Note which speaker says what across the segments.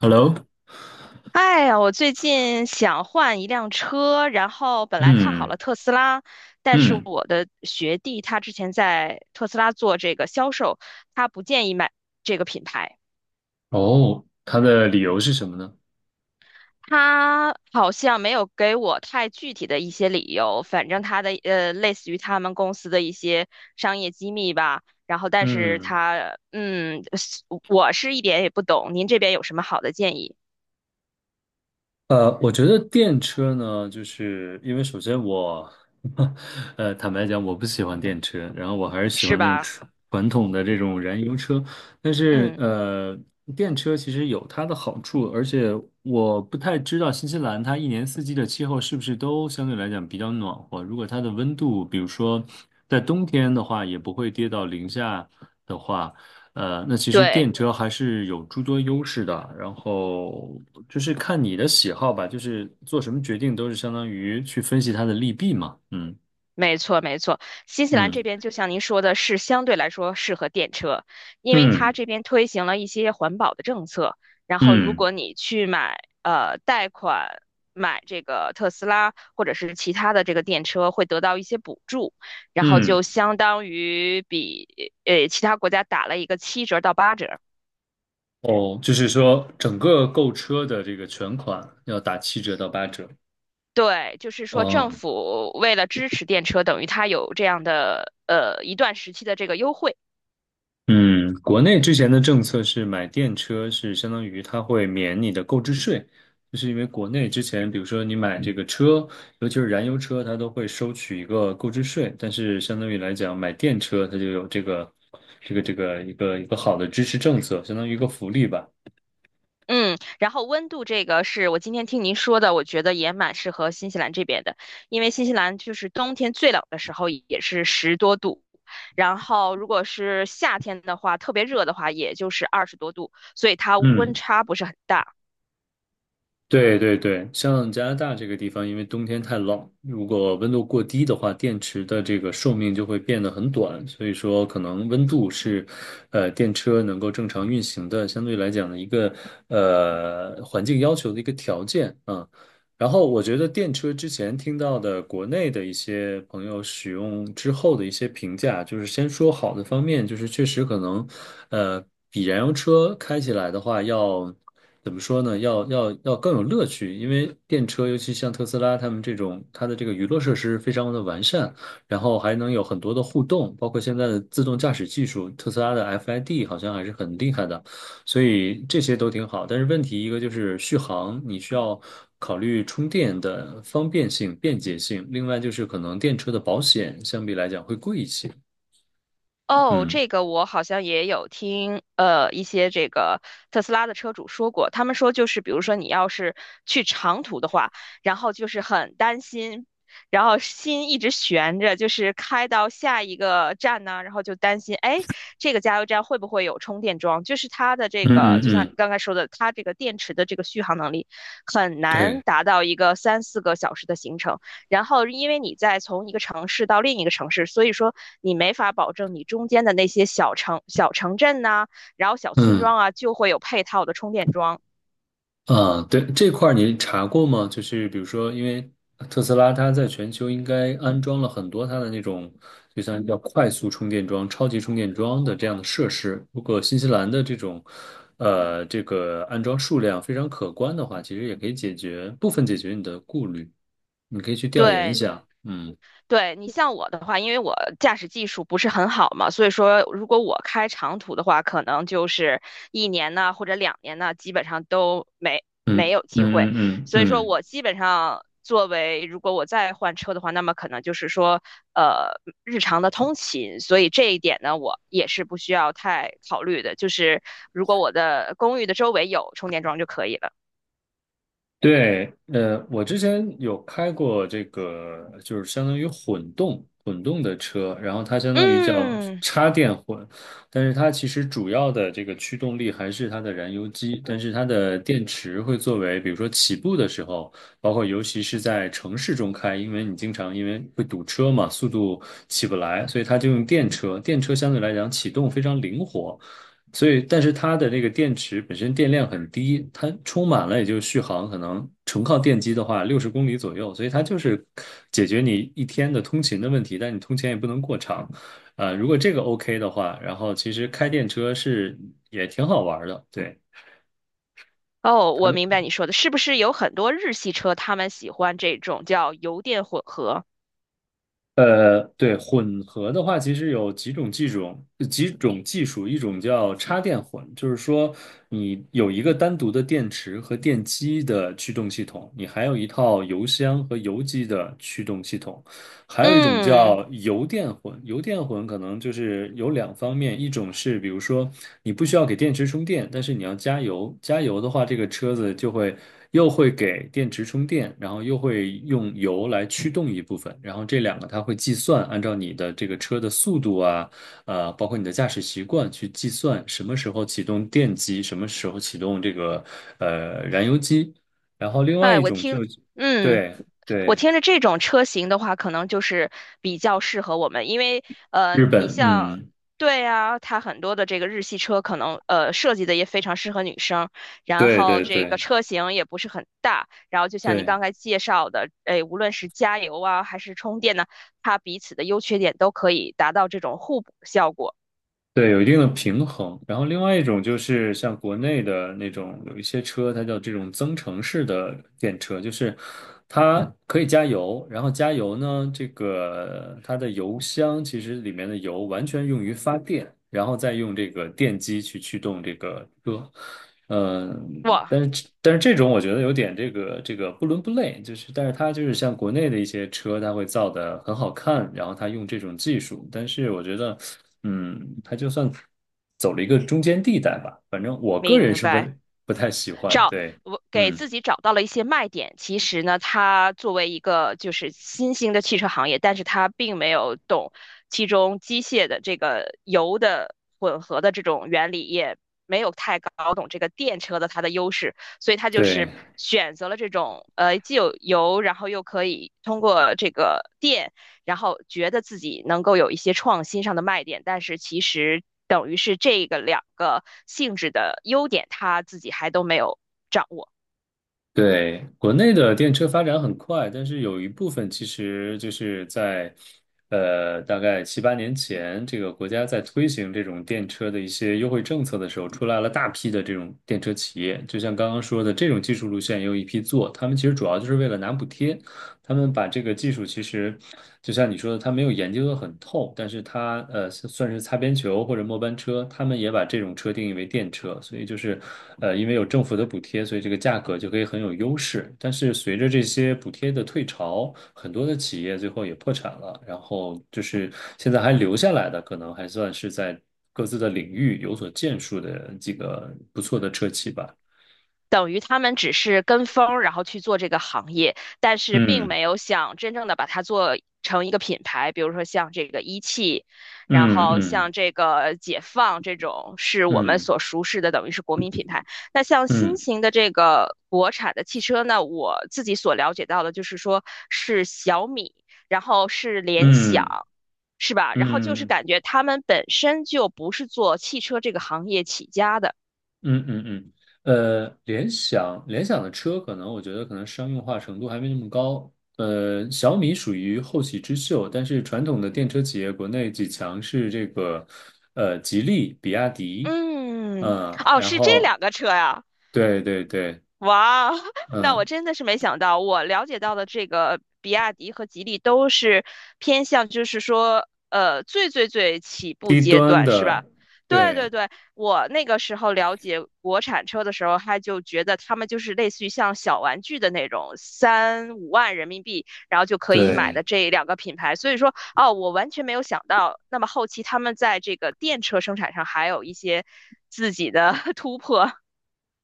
Speaker 1: Hello，
Speaker 2: 哎呀，我最近想换一辆车，然后本来看好
Speaker 1: 嗯
Speaker 2: 了特斯拉，但是
Speaker 1: 嗯，
Speaker 2: 我的学弟他之前在特斯拉做这个销售，他不建议买这个品牌。
Speaker 1: 哦，它的理由是什么呢？
Speaker 2: 他好像没有给我太具体的一些理由，反正他的类似于他们公司的一些商业机密吧。然后但是
Speaker 1: 嗯，
Speaker 2: 他嗯，是我是一点也不懂，您这边有什么好的建议
Speaker 1: 我觉得电车呢，就是因为首先我，坦白讲，我不喜欢电车，然后我还是喜
Speaker 2: 是
Speaker 1: 欢那种
Speaker 2: 吧？
Speaker 1: 传统的这种燃油车，但是
Speaker 2: 嗯，
Speaker 1: 电车其实有它的好处，而且我不太知道新西兰它一年四季的气候是不是都相对来讲比较暖和，如果它的温度，比如说在冬天的话，也不会跌到零下。的话，那其实
Speaker 2: 对。
Speaker 1: 电车还是有诸多优势的，然后就是看你的喜好吧，就是做什么决定都是相当于去分析它的利弊嘛。嗯
Speaker 2: 没错，没错。新西兰这
Speaker 1: 嗯
Speaker 2: 边就像您说的，是相对来说适合电车，因为它
Speaker 1: 嗯
Speaker 2: 这边推行了一些环保的政策。然后，如
Speaker 1: 嗯
Speaker 2: 果你去贷款买这个特斯拉或者是其他的这个电车，会得到一些补助，然后
Speaker 1: 嗯，
Speaker 2: 就相当于比其他国家打了一个七折到八折。
Speaker 1: 哦，就是说整个购车的这个全款要打7折到8折。
Speaker 2: 对，就是说政
Speaker 1: 哦，
Speaker 2: 府为了支持电车，等于它有这样的一段时期的这个优惠。
Speaker 1: 嗯，国内之前的政策是买电车是相当于它会免你的购置税，就是因为国内之前，比如说你买这个车，尤其是燃油车，它都会收取一个购置税，但是相当于来讲，买电车它就有这个一个好的支持政策，相当于一个福利吧。
Speaker 2: 嗯，然后温度这个是我今天听您说的，我觉得也蛮适合新西兰这边的，因为新西兰就是冬天最冷的时候也是十多度，然后如果是夏天的话，特别热的话，也就是20多度，所以它温
Speaker 1: 嗯。
Speaker 2: 差不是很大。
Speaker 1: 对对对，像加拿大这个地方，因为冬天太冷，如果温度过低的话，电池的这个寿命就会变得很短，所以说可能温度是，电车能够正常运行的相对来讲的一个环境要求的一个条件啊。然后我觉得电车之前听到的国内的一些朋友使用之后的一些评价，就是先说好的方面，就是确实可能，呃，比燃油车开起来的话要怎么说呢？要更有乐趣，因为电车尤其像特斯拉他们这种，它的这个娱乐设施非常的完善，然后还能有很多的互动，包括现在的自动驾驶技术，特斯拉的 FID 好像还是很厉害的。所以这些都挺好，但是问题一个就是续航，你需要考虑充电的方便性、便捷性，另外就是可能电车的保险相比来讲会贵一些。
Speaker 2: 哦，
Speaker 1: 嗯
Speaker 2: 这个我好像也有听，一些这个特斯拉的车主说过，他们说就是，比如说你要是去长途的话，然后就是很担心，然后心一直悬着，就是开到下一个站呢，然后就担心，哎，这个加油站会不会有充电桩？就是它的这
Speaker 1: 嗯
Speaker 2: 个，
Speaker 1: 嗯
Speaker 2: 就像你
Speaker 1: 嗯，
Speaker 2: 刚才说的，它这个电池的这个续航能力很
Speaker 1: 对，
Speaker 2: 难达到一个三四个小时的行程。然后因为你在从一个城市到另一个城市，所以说你没法保证你中间的那些小城、小城镇呐、然后小村
Speaker 1: 嗯。
Speaker 2: 庄啊，就会有配套的充电桩。
Speaker 1: 啊，对，这块儿你查过吗？就是比如说，因为特斯拉它在全球应该安装了很多它的那种，就像叫快速充电桩、超级充电桩的这样的设施。如果新西兰的这种，这个安装数量非常可观的话，其实也可以解决部分解决你的顾虑。你可以去调研一
Speaker 2: 对，
Speaker 1: 下。嗯
Speaker 2: 对你像我的话，因为我驾驶技术不是很好嘛，所以说如果我开长途的话，可能就是一年呢或者两年呢，基本上都没没
Speaker 1: 嗯
Speaker 2: 有
Speaker 1: 嗯
Speaker 2: 机会。
Speaker 1: 嗯嗯嗯。
Speaker 2: 所以说
Speaker 1: 嗯
Speaker 2: 我基本上作为如果我再换车的话，那么可能就是说呃日常的通勤，所以这一点呢，我也是不需要太考虑的，就是如果我的公寓的周围有充电桩就可以了。
Speaker 1: 对，我之前有开过这个，就是相当于混动的车，然后它相当于叫
Speaker 2: 嗯。
Speaker 1: 插电混，但是它其实主要的这个驱动力还是它的燃油机，但是它的电池会作为，比如说起步的时候，包括尤其是在城市中开，因为你经常因为会堵车嘛，速度起不来，所以它就用电车，电车相对来讲启动非常灵活。所以，但是它的那个电池本身电量很低，它充满了也就续航可能纯靠电机的话，60公里左右，所以它就是解决你一天的通勤的问题，但你通勤也不能过长，啊、如果这个 OK 的话，然后其实开电车是也挺好玩的，对。
Speaker 2: 哦，
Speaker 1: 它
Speaker 2: 我
Speaker 1: 的。
Speaker 2: 明白你说的，是不是有很多日系车他们喜欢这种叫油电混合？
Speaker 1: 对，混合的话，其实有几种技术，一种叫插电混，就是说你有一个单独的电池和电机的驱动系统，你还有一套油箱和油机的驱动系统。还有一种
Speaker 2: 嗯，
Speaker 1: 叫油电混，油电混可能就是有两方面，一种是比如说你不需要给电池充电，但是你要加油，加油的话，这个车子就会又会给电池充电，然后又会用油来驱动一部分，然后这两个它会计算，按照你的这个车的速度啊，包括你的驾驶习惯去计算什么时候启动电机，什么时候启动这个燃油机，然后另外
Speaker 2: 哎，
Speaker 1: 一种就
Speaker 2: 嗯，
Speaker 1: 对
Speaker 2: 我
Speaker 1: 对
Speaker 2: 听着这种车型的话，可能就是比较适合我们，因为
Speaker 1: 日
Speaker 2: 你
Speaker 1: 本，
Speaker 2: 像，
Speaker 1: 嗯。
Speaker 2: 对啊，它很多的这个日系车可能设计的也非常适合女生，然
Speaker 1: 对
Speaker 2: 后
Speaker 1: 对
Speaker 2: 这个
Speaker 1: 对
Speaker 2: 车型也不是很大，然后就像你
Speaker 1: 对
Speaker 2: 刚才介绍的，哎，无论是加油啊还是充电呢，它彼此的优缺点都可以达到这种互补效果。
Speaker 1: 对，有一定的平衡。然后另外一种就是像国内的那种，有一些车它叫这种增程式的电车，就是它可以加油，然后加油呢，这个它的油箱其实里面的油完全用于发电，然后再用这个电机去驱动这个车。嗯，
Speaker 2: 哇，
Speaker 1: 但是这种我觉得有点这个不伦不类，就是但是它就是像国内的一些车，它会造的很好看，然后它用这种技术，但是我觉得，嗯，它就算走了一个中间地带吧，反正我个人
Speaker 2: 明
Speaker 1: 是
Speaker 2: 白，
Speaker 1: 不太喜欢，
Speaker 2: 找
Speaker 1: 对，
Speaker 2: 我给
Speaker 1: 嗯，
Speaker 2: 自己找到了一些卖点。其实呢，它作为一个就是新兴的汽车行业，但是它并没有懂其中机械的这个油的混合的这种原理，也没有太搞懂这个电车的它的优势，所以它就是
Speaker 1: 对。
Speaker 2: 选择了这种既有油，然后又可以通过这个然后觉得自己能够有一些创新上的卖点，但是其实等于是这个两个性质的优点，他自己还都没有掌握。
Speaker 1: 对，国内的电车发展很快，但是有一部分其实就是在，大概7、8年前，这个国家在推行这种电车的一些优惠政策的时候，出来了大批的这种电车企业。就像刚刚说的，这种技术路线也有一批做，他们其实主要就是为了拿补贴，他们把这个技术其实，就像你说的，他没有研究的很透，但是他算是擦边球或者末班车，他们也把这种车定义为电车，所以就是因为有政府的补贴，所以这个价格就可以很有优势。但是随着这些补贴的退潮，很多的企业最后也破产了，然后就是现在还留下来的，可能还算是在各自的领域有所建树的几个不错的车企吧。
Speaker 2: 等于他们只是跟风然后去做这个行业，但是并没有想真正的把它做成一个品牌，比如说像这个一汽，然
Speaker 1: 嗯
Speaker 2: 后
Speaker 1: 嗯
Speaker 2: 像这个解放这种是我们
Speaker 1: 嗯
Speaker 2: 所熟识的，等于是国民品牌。那像新
Speaker 1: 嗯
Speaker 2: 型的这个国产的汽车呢，我自己所了解到的就是说是小米，然后是
Speaker 1: 嗯
Speaker 2: 联
Speaker 1: 嗯
Speaker 2: 想。
Speaker 1: 嗯。
Speaker 2: 是吧？然后就
Speaker 1: 嗯
Speaker 2: 是
Speaker 1: 嗯
Speaker 2: 感觉他们本身就不是做汽车这个行业起家的，
Speaker 1: 嗯嗯嗯，联想的车可能我觉得可能商用化程度还没那么高。小米属于后起之秀，但是传统的电车企业国内几强是这个，吉利、比亚迪，
Speaker 2: 嗯，
Speaker 1: 嗯，嗯，
Speaker 2: 哦，
Speaker 1: 然
Speaker 2: 是这
Speaker 1: 后
Speaker 2: 两个车呀。
Speaker 1: 对对对，
Speaker 2: 哇，那我
Speaker 1: 嗯，
Speaker 2: 真的是没想到，我了解到的这个比亚迪和吉利都是偏向，就是说，最最最起步
Speaker 1: 低
Speaker 2: 阶
Speaker 1: 端
Speaker 2: 段，是
Speaker 1: 的，
Speaker 2: 吧？对
Speaker 1: 对
Speaker 2: 对对，我那个时候了解国产车的时候，他就觉得他们就是类似于像小玩具的那种，三五万人民币，然后就可以买的
Speaker 1: 对。
Speaker 2: 这两个品牌。所以说，哦，我完全没有想到，那么后期他们在这个电车生产上还有一些自己的 突破。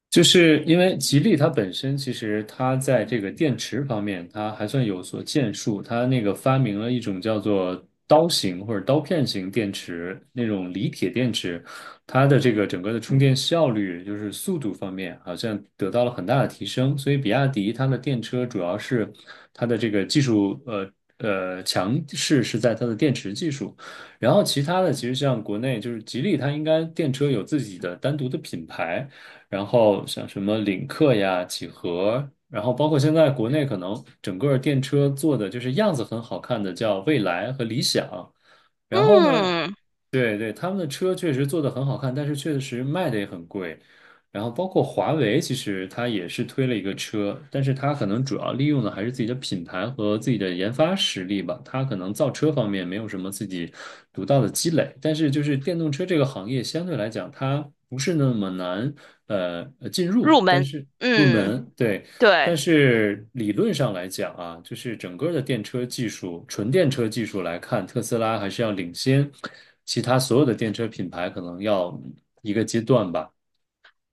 Speaker 1: 就是因为吉利它本身其实它在这个电池方面，它还算有所建树。它那个发明了一种叫做刀型或者刀片型电池，那种锂铁电池，它的这个整个的充电效率，就是速度方面，好像得到了很大的提升。所以比亚迪它的电车主要是它的这个技术，强势是在它的电池技术。然后其他的，其实像国内就是吉利，它应该电车有自己的单独的品牌。然后像什么领克呀、几何，然后包括现在国内可能整个电车做的就是样子很好看的，叫蔚来和理想。然后呢，
Speaker 2: 嗯，
Speaker 1: 对对，他们的车确实做的很好看，但是确实卖的也很贵。然后包括华为，其实它也是推了一个车，但是它可能主要利用的还是自己的品牌和自己的研发实力吧。它可能造车方面没有什么自己独到的积累，但是就是电动车这个行业相对来讲，它不是那么难进入，
Speaker 2: 入
Speaker 1: 但
Speaker 2: 门，
Speaker 1: 是入
Speaker 2: 嗯，
Speaker 1: 门，对。但
Speaker 2: 对。
Speaker 1: 是理论上来讲啊，就是整个的电车技术，纯电车技术来看，特斯拉还是要领先其他所有的电车品牌，可能要一个阶段吧。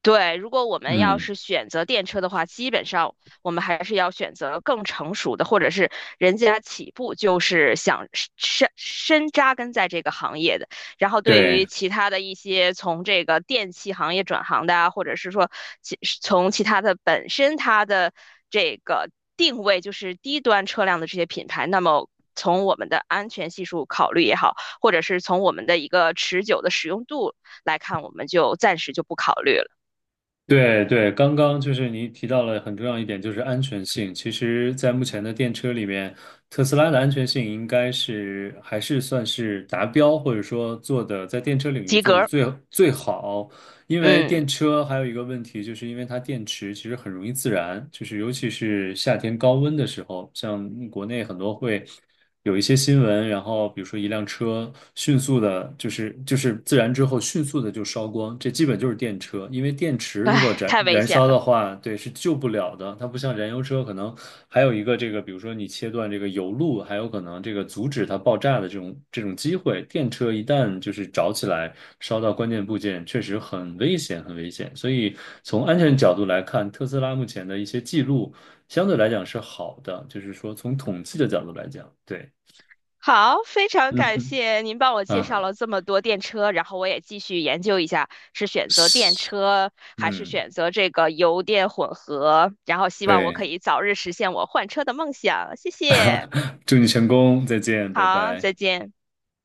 Speaker 2: 对，如果我们要
Speaker 1: 嗯，
Speaker 2: 是选择电车的话，基本上我们还是要选择更成熟的，或者是人家起步就是想深深扎根在这个行业的。然后对
Speaker 1: 对。
Speaker 2: 于其他的一些从这个电器行业转行的啊，或者是说从其他的本身它的这个定位就是低端车辆的这些品牌，那么从我们的安全系数考虑也好，或者是从我们的一个持久的使用度来看，我们就暂时就不考虑了。
Speaker 1: 对对，刚刚就是你提到了很重要一点，就是安全性。其实，在目前的电车里面，特斯拉的安全性应该是还是算是达标，或者说做的在电车领域
Speaker 2: 及
Speaker 1: 做的
Speaker 2: 格。
Speaker 1: 最最好。因为
Speaker 2: 嗯，
Speaker 1: 电车还有一个问题，就是因为它电池其实很容易自燃，就是尤其是夏天高温的时候，像国内很多会。有一些新闻，然后比如说一辆车迅速的，就是自燃之后迅速的就烧光，这基本就是电车，因为电池如果
Speaker 2: 哎，
Speaker 1: 燃
Speaker 2: 太危
Speaker 1: 燃
Speaker 2: 险
Speaker 1: 烧的
Speaker 2: 了。
Speaker 1: 话，对，是救不了的。它不像燃油车，可能还有一个这个，比如说你切断这个油路，还有可能这个阻止它爆炸的这种机会。电车一旦就是着起来，烧到关键部件，确实很危险，很危险。所以从安全角度来看，特斯拉目前的一些记录相对来讲是好的，就是说从统计的角度来讲，对。
Speaker 2: 好，非常
Speaker 1: 嗯
Speaker 2: 感
Speaker 1: 哼，
Speaker 2: 谢您帮我介绍
Speaker 1: 啊，
Speaker 2: 了这么多电车，然后我也继续研究一下是选择电
Speaker 1: 是，
Speaker 2: 车还是
Speaker 1: 嗯，
Speaker 2: 选择这个油电混合，然后希望我可
Speaker 1: 对，
Speaker 2: 以早日实现我换车的梦想。谢谢，
Speaker 1: 祝你成功，再见，拜
Speaker 2: 好，
Speaker 1: 拜。
Speaker 2: 再见。